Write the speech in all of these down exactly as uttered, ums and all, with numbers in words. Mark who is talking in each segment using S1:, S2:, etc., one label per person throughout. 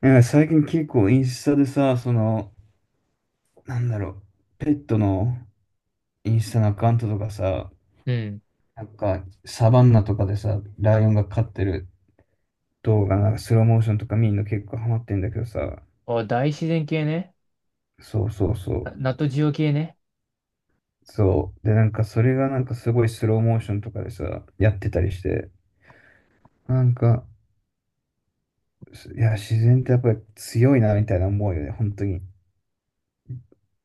S1: なんか最近結構インスタでさ、その、なんだろう、ペットのインスタのアカウントとかさ、
S2: うん。
S1: なんかサバンナとかでさ、ライオンが飼ってる動画、なんかスローモーションとか見るの結構ハマってんだけどさ、
S2: お大自然系ね。
S1: そうそうそ
S2: な
S1: う、
S2: ナトジオ系ね。
S1: そう。で、なんかそれがなんかすごいスローモーションとかでさ、やってたりして、なんか、すいや、自然ってやっぱり強いなみたいな思うよね、本当に。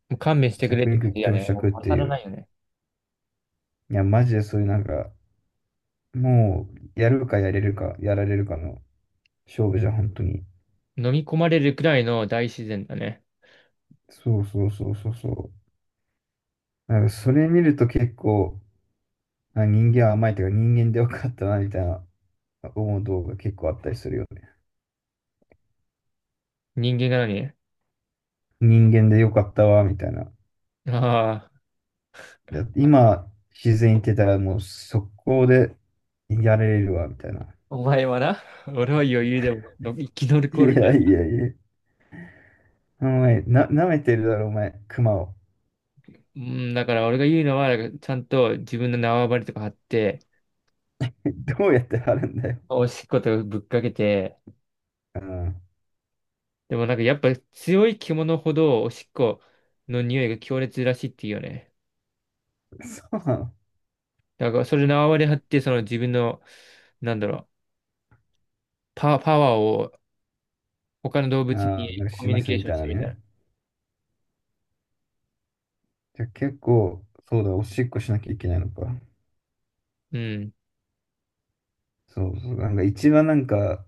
S2: もう勘弁してくれっ
S1: 弱
S2: て感
S1: 肉
S2: じだ
S1: 強
S2: ね。もう
S1: 食って
S2: 勝
S1: い
S2: らな
S1: う。
S2: いよね。
S1: いや、マジでそういうなんか、もう、やるかやれるか、やられるかの、勝負じゃん、本当に。
S2: 飲み込まれるくらいの大自然だね。
S1: そうそうそうそうそう。なんかそれ見ると結構、あ、人間は甘いというか人間でよかったな、みたいな思う動画結構あったりするよね。
S2: 人間が何
S1: 人間でよかったわ、みたいな。
S2: ああ、
S1: だって今、自然行ってたらもう速攻でやれるわ、みたいな。
S2: お前はな、俺は余裕でもの生き
S1: い
S2: 残るけ
S1: や
S2: ど。
S1: いやいや。お前、な、舐めてるだろ、お前、熊を。
S2: うん、だから俺が言うのは、なんかちゃんと自分の縄張りとか張って、
S1: どうやって貼るんだよ。
S2: おしっことぶっかけて、
S1: うん。
S2: でもなんかやっぱ強い獣ほどおしっこの匂いが強烈らしいっていうよね。
S1: そうなの。
S2: だからそれ縄張り張って、その自分の、なんだろう、パ、パワーを他の動物
S1: ああ、
S2: に
S1: なんか
S2: コ
S1: し
S2: ミュ
S1: ま
S2: ニ
S1: す
S2: ケー
S1: み
S2: ション
S1: たい
S2: し
S1: な
S2: てみたら。
S1: ね。じゃあ結構、そうだ、おしっこしなきゃいけないのか。
S2: うん。
S1: そうそう、なんか一番なんか、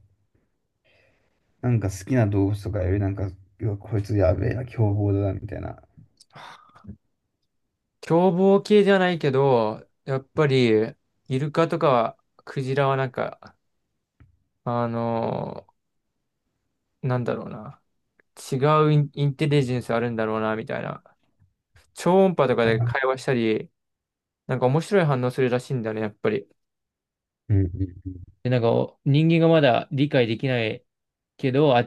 S1: なんか好きな動物とかよりなんか、うわこいつやべえな、凶暴だな、みたいな。
S2: 凶暴系じゃないけど、やっぱり、イルカとかはクジラはなんか、あのーなんだろうな。違うイン、インテリジェンスあるんだろうな、みたいな。超音波とかで会話したり、なんか面白い反応するらしいんだよね、やっぱり。
S1: うんうんうん。
S2: で、なんか人間がまだ理解できないけど、あ、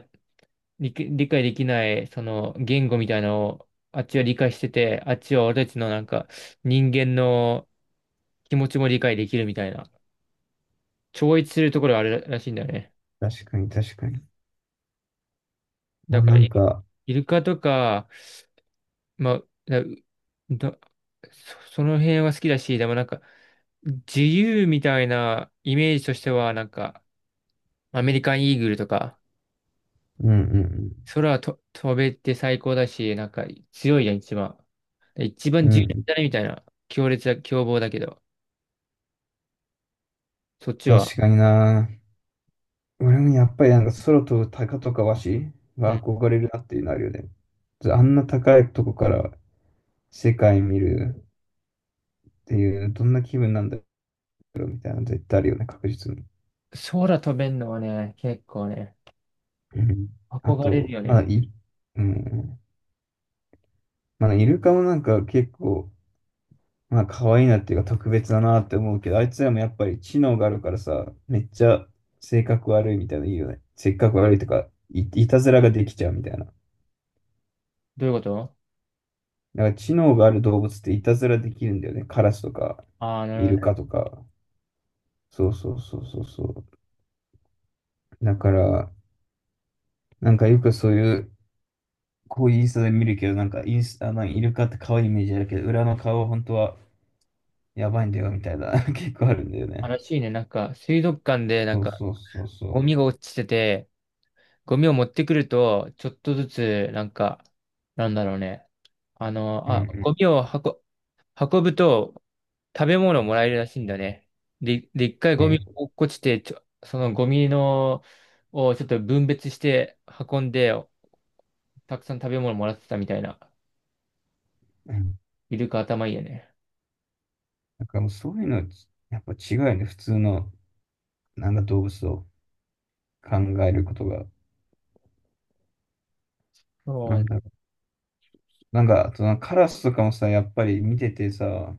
S2: 理、理解できないその言語みたいなのをあっちは理解してて、あっちは俺たちのなんか人間の気持ちも理解できるみたいな、超越するところがあるらしいんだよね。
S1: 確かに確かに。ま
S2: だ
S1: あ、
S2: か
S1: な
S2: ら、
S1: ん
S2: イ
S1: か、
S2: イルカとか、まあ、だ、だそその辺は好きだし、でもなんか、自由みたいなイメージとしては、なんか、アメリカンイーグルとか、
S1: うんうん
S2: 空と飛べて最高だし、なんか強いじゃん、一番。で一
S1: う
S2: 番
S1: ん。う
S2: 重要
S1: ん。
S2: だね、みたいな。強烈な凶暴だけど。そっち
S1: 確
S2: は。
S1: かにな。俺もやっぱりなんか空飛ぶ鷹とかワシ
S2: う
S1: が
S2: ん。
S1: 憧れるなっていうのあるよね。あんな高いとこから世界見るっていう、どんな気分なんだろうみたいなの絶対あるよね、確実に。
S2: 空飛べんのはね、結構ね、
S1: うん。あ
S2: 憧れる
S1: と、
S2: よ
S1: まだ
S2: ね。
S1: い、うん。まだイルカもなんか結構、まあ可愛いなっていうか特別だなって思うけど、あいつらもやっぱり知能があるからさ、めっちゃ性格悪いみたいなのいいよね。性格悪いとか、い、いたずらができちゃうみたいな。だ
S2: どういうこと？
S1: から知能がある動物っていたずらできるんだよね。カラスとか、
S2: ああー、
S1: イ
S2: な
S1: ル
S2: る
S1: カとか。そうそうそうそうそう。だから、なんかよくそういう、こういうインスタで見るけど、なんかインスタ、あのイルカって可愛いイメージあるけど、裏の顔は本当はやばいんだよみたいな、結構あるんだよ
S2: ほ
S1: ね。
S2: どね。悲しいね。なんか、水族館で、なん
S1: そう
S2: か、
S1: そうそう
S2: ゴ
S1: そ
S2: ミが落ちてて、ゴミを持ってくると、ちょっとずつ、なんか、なんだろうね。あの、
S1: う。うん
S2: あ、ゴ
S1: う
S2: ミを運、運ぶと、食べ物をもらえるらしいんだね。で、で、一回
S1: ん。
S2: ゴミ
S1: え、
S2: 落っこちて、ちょ、そのゴミの、をちょっと分別して運んで、たくさん食べ物もらってたみたいな。イルカ頭いいよね。
S1: なんかもうそういうのはち、やっぱ違うよね。普通の、なんか動物を考えることが。な
S2: そ
S1: ん
S2: う
S1: だろう。なんか、あとなんかカラスとかもさ、やっぱり見ててさ、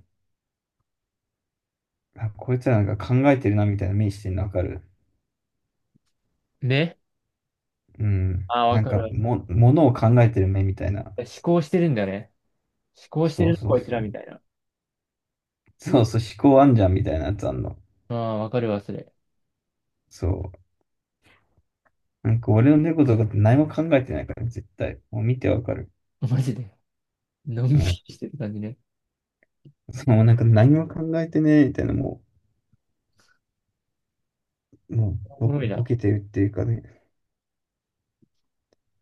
S1: あ、こいつらなんか考えてるなみたいな目してるのわかる。
S2: ね。
S1: うん。
S2: ああ、わ
S1: なん
S2: か
S1: か
S2: る。
S1: も、ものを考えてる目みたいな。
S2: 思考してるんだね。思考して
S1: そう
S2: るの、
S1: そう
S2: こいつ
S1: そ
S2: らみ
S1: う。
S2: たいな。
S1: そうそう、思考あんじゃんみたいなやつあんの。
S2: ああ、わかるわ、それ。
S1: そう。なんか俺の猫とかって何も考えてないから、絶対。もう見てわかる。
S2: マジで。のんび
S1: う
S2: り
S1: ん。
S2: してる感じね。
S1: そう、なんか何も考えてねえみたいな、もう、も
S2: お
S1: うボ、
S2: もろい
S1: ボ
S2: な。
S1: ケてるっていうかね、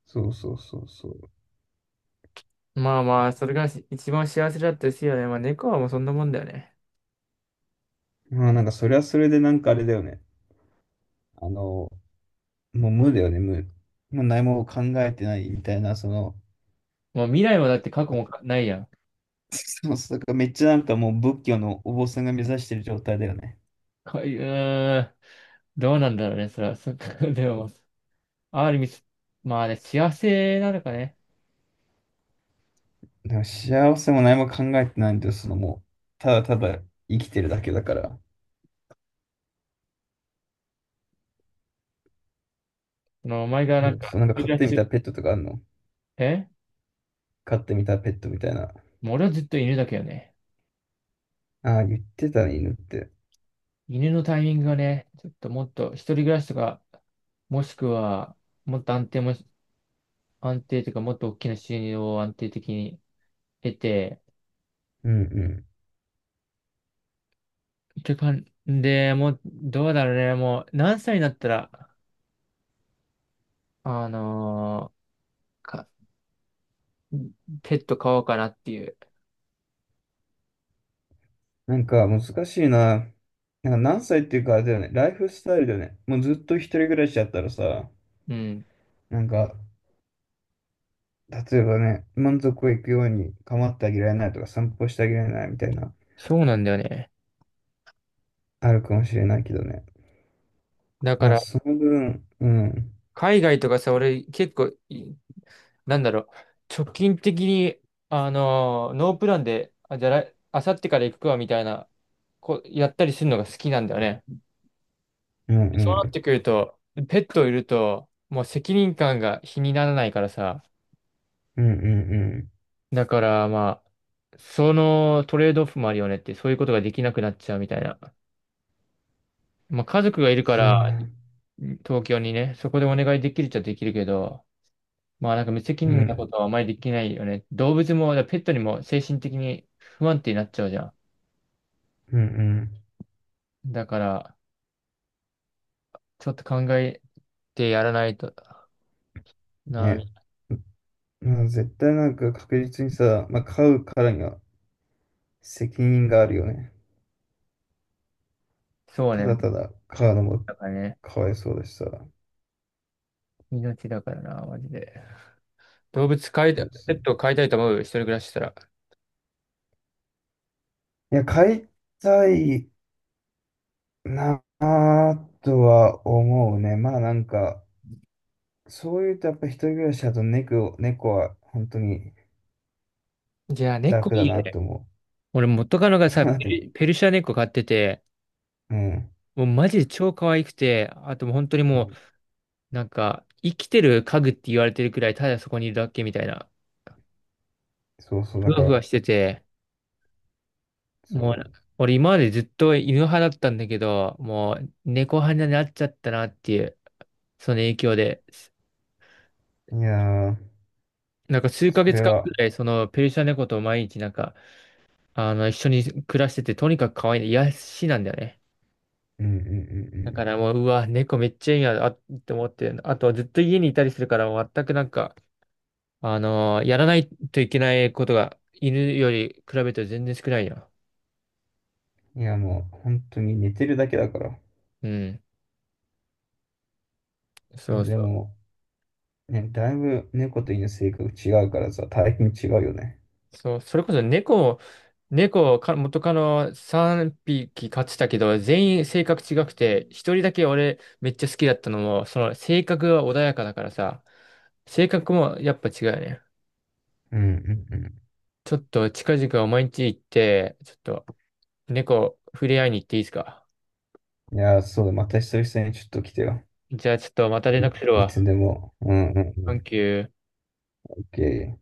S1: そうそうそうそう。
S2: まあまあ、それがし一番幸せだったですよね。まあ猫はもうそんなもんだよね。
S1: まあなんかそれはそれでなんかあれだよね。あの、もう無だよね、無。もう何も考えてないみたいな、その、
S2: もう未来もだって過去もかないやん。
S1: そうそう、だからめっちゃなんかもう仏教のお坊さんが目指してる状態だよね。
S2: かうーん。どうなんだろうね、それは。そっか、でも、ある意味、まあね、幸せなのかね。
S1: でも幸せも何も考えてないんだよ、そのもう、ただただ生きてるだけだから。
S2: その、お前がな
S1: そ
S2: ん
S1: う
S2: か、
S1: そう、なんか
S2: 一人
S1: 飼っ
S2: 暮ら
S1: てみ
S2: し
S1: たペットとかあるの
S2: え？
S1: 飼ってみたペットみたいな。
S2: もう俺はずっと犬だけどね。
S1: ああ、言ってたね、犬って。
S2: 犬のタイミングがね、ちょっともっと、一人暮らしとか、もしくは、もっと安定もし、安定というか、もっと大きな収入を安定的に得て、
S1: うん、
S2: ってかんで、もう、どうだろうね。もう、何歳になったら、あのーか、ペット飼おうかなっていう。
S1: なんか難しいな。なんか何歳っていうかあれだよね。ライフスタイルだよね。もうずっと一人暮らしだったらさ、
S2: うん。
S1: なんか、例えばね、満足いくように構ってあげられないとか散歩してあげられないみたいな、
S2: そうなんだよね。
S1: あるかもしれないけどね。
S2: だか
S1: まあ、
S2: ら、
S1: その分、うん、
S2: 海外とかさ、俺、結構い、なんだろう、直近的に、あのーノープランで、あ、じゃああさってから行くわ、みたいな、こう、やったりするのが好きなんだよね。
S1: うん、う
S2: そうなっ
S1: ん、
S2: てくると、ペットいると、もう責任感が比にならないからさ、
S1: うん、うん、うん
S2: だから、まあ、そのトレードオフもあるよねって、そういうことができなくなっちゃうみたいな。まあ家族がいるか
S1: そう、う
S2: ら、東京にね、そこでお願いできるっちゃできるけど、まあなんか無責任な
S1: ん、
S2: ことはあまりできないよね。動物も、だからペットにも精神的に不安定になっちゃうじゃ
S1: うん、う
S2: ん。だから、ちょっと考えてやらないと
S1: ん、
S2: な。
S1: ね。まあ、絶対なんか確実にさ、まあ、買うからには責任があるよね。
S2: そう
S1: た
S2: ね。
S1: だただ買うのも
S2: だからね。
S1: かわいそうだしさ。
S2: 命だからな、マジで。動物飼い
S1: そ
S2: た、
S1: うそ
S2: ペ
S1: う、
S2: ットを飼いたいと思う、一人暮らししたら。
S1: いや、買いたいなぁとは思うね。まあなんか、そういうとやっぱ一人暮らしだと猫を、猫は本当に
S2: じゃあ、猫
S1: 楽だ
S2: いいよ
S1: な
S2: ね。
S1: と思
S2: 俺元カノが
S1: う。そう
S2: さ、ペ
S1: なって、
S2: ル、ペルシャ猫飼ってて、
S1: うん。
S2: もうマジで超可愛くて、あともう本当に
S1: う
S2: も
S1: ん、
S2: う、なんか、生きてる家具って言われてるくらい、ただそこにいるだけみたいな、
S1: そうそう、
S2: ふ
S1: だか
S2: わふ
S1: ら、
S2: わしてて、もう、
S1: そ
S2: 俺今までずっと犬派だったんだけど、もう猫派になっちゃったなっていう、その影響で、
S1: う。いやー、
S2: なんか数ヶ
S1: そ
S2: 月
S1: れ
S2: 間く
S1: は、
S2: らい、そのペルシャ猫と毎日なんか、あの、一緒に暮らしてて、とにかく可愛い、癒やしなんだよね。
S1: うんうんう
S2: だから
S1: ん
S2: もう、うわ、猫めっちゃいいな、あ、って思って、あとずっと家にいたりするから、全くなんか、あのーやらないといけないことが犬より比べて全然少ないよ。
S1: うん。いやもう本当に寝てるだけだから。
S2: うん。そう
S1: で
S2: そう。
S1: も、ね、だいぶ猫と犬性格違うからさ、大変違うよね。
S2: そう、それこそ猫も、猫をか元カノさんびき飼ってたけど、全員性格違くて、一人だけ俺めっちゃ好きだったのも、その性格は穏やかだからさ、性格もやっぱ違うよね。
S1: うんうん
S2: ちょっと近々毎日行って、ちょっと猫触れ合いに行っていいですか？
S1: うん。いやー、そうだ、また久々にちょっと来てよ。
S2: じゃあちょっとまた連絡する
S1: い、いつ
S2: わ。
S1: でも。うんうんう
S2: サンキュー。
S1: ん。オーケー。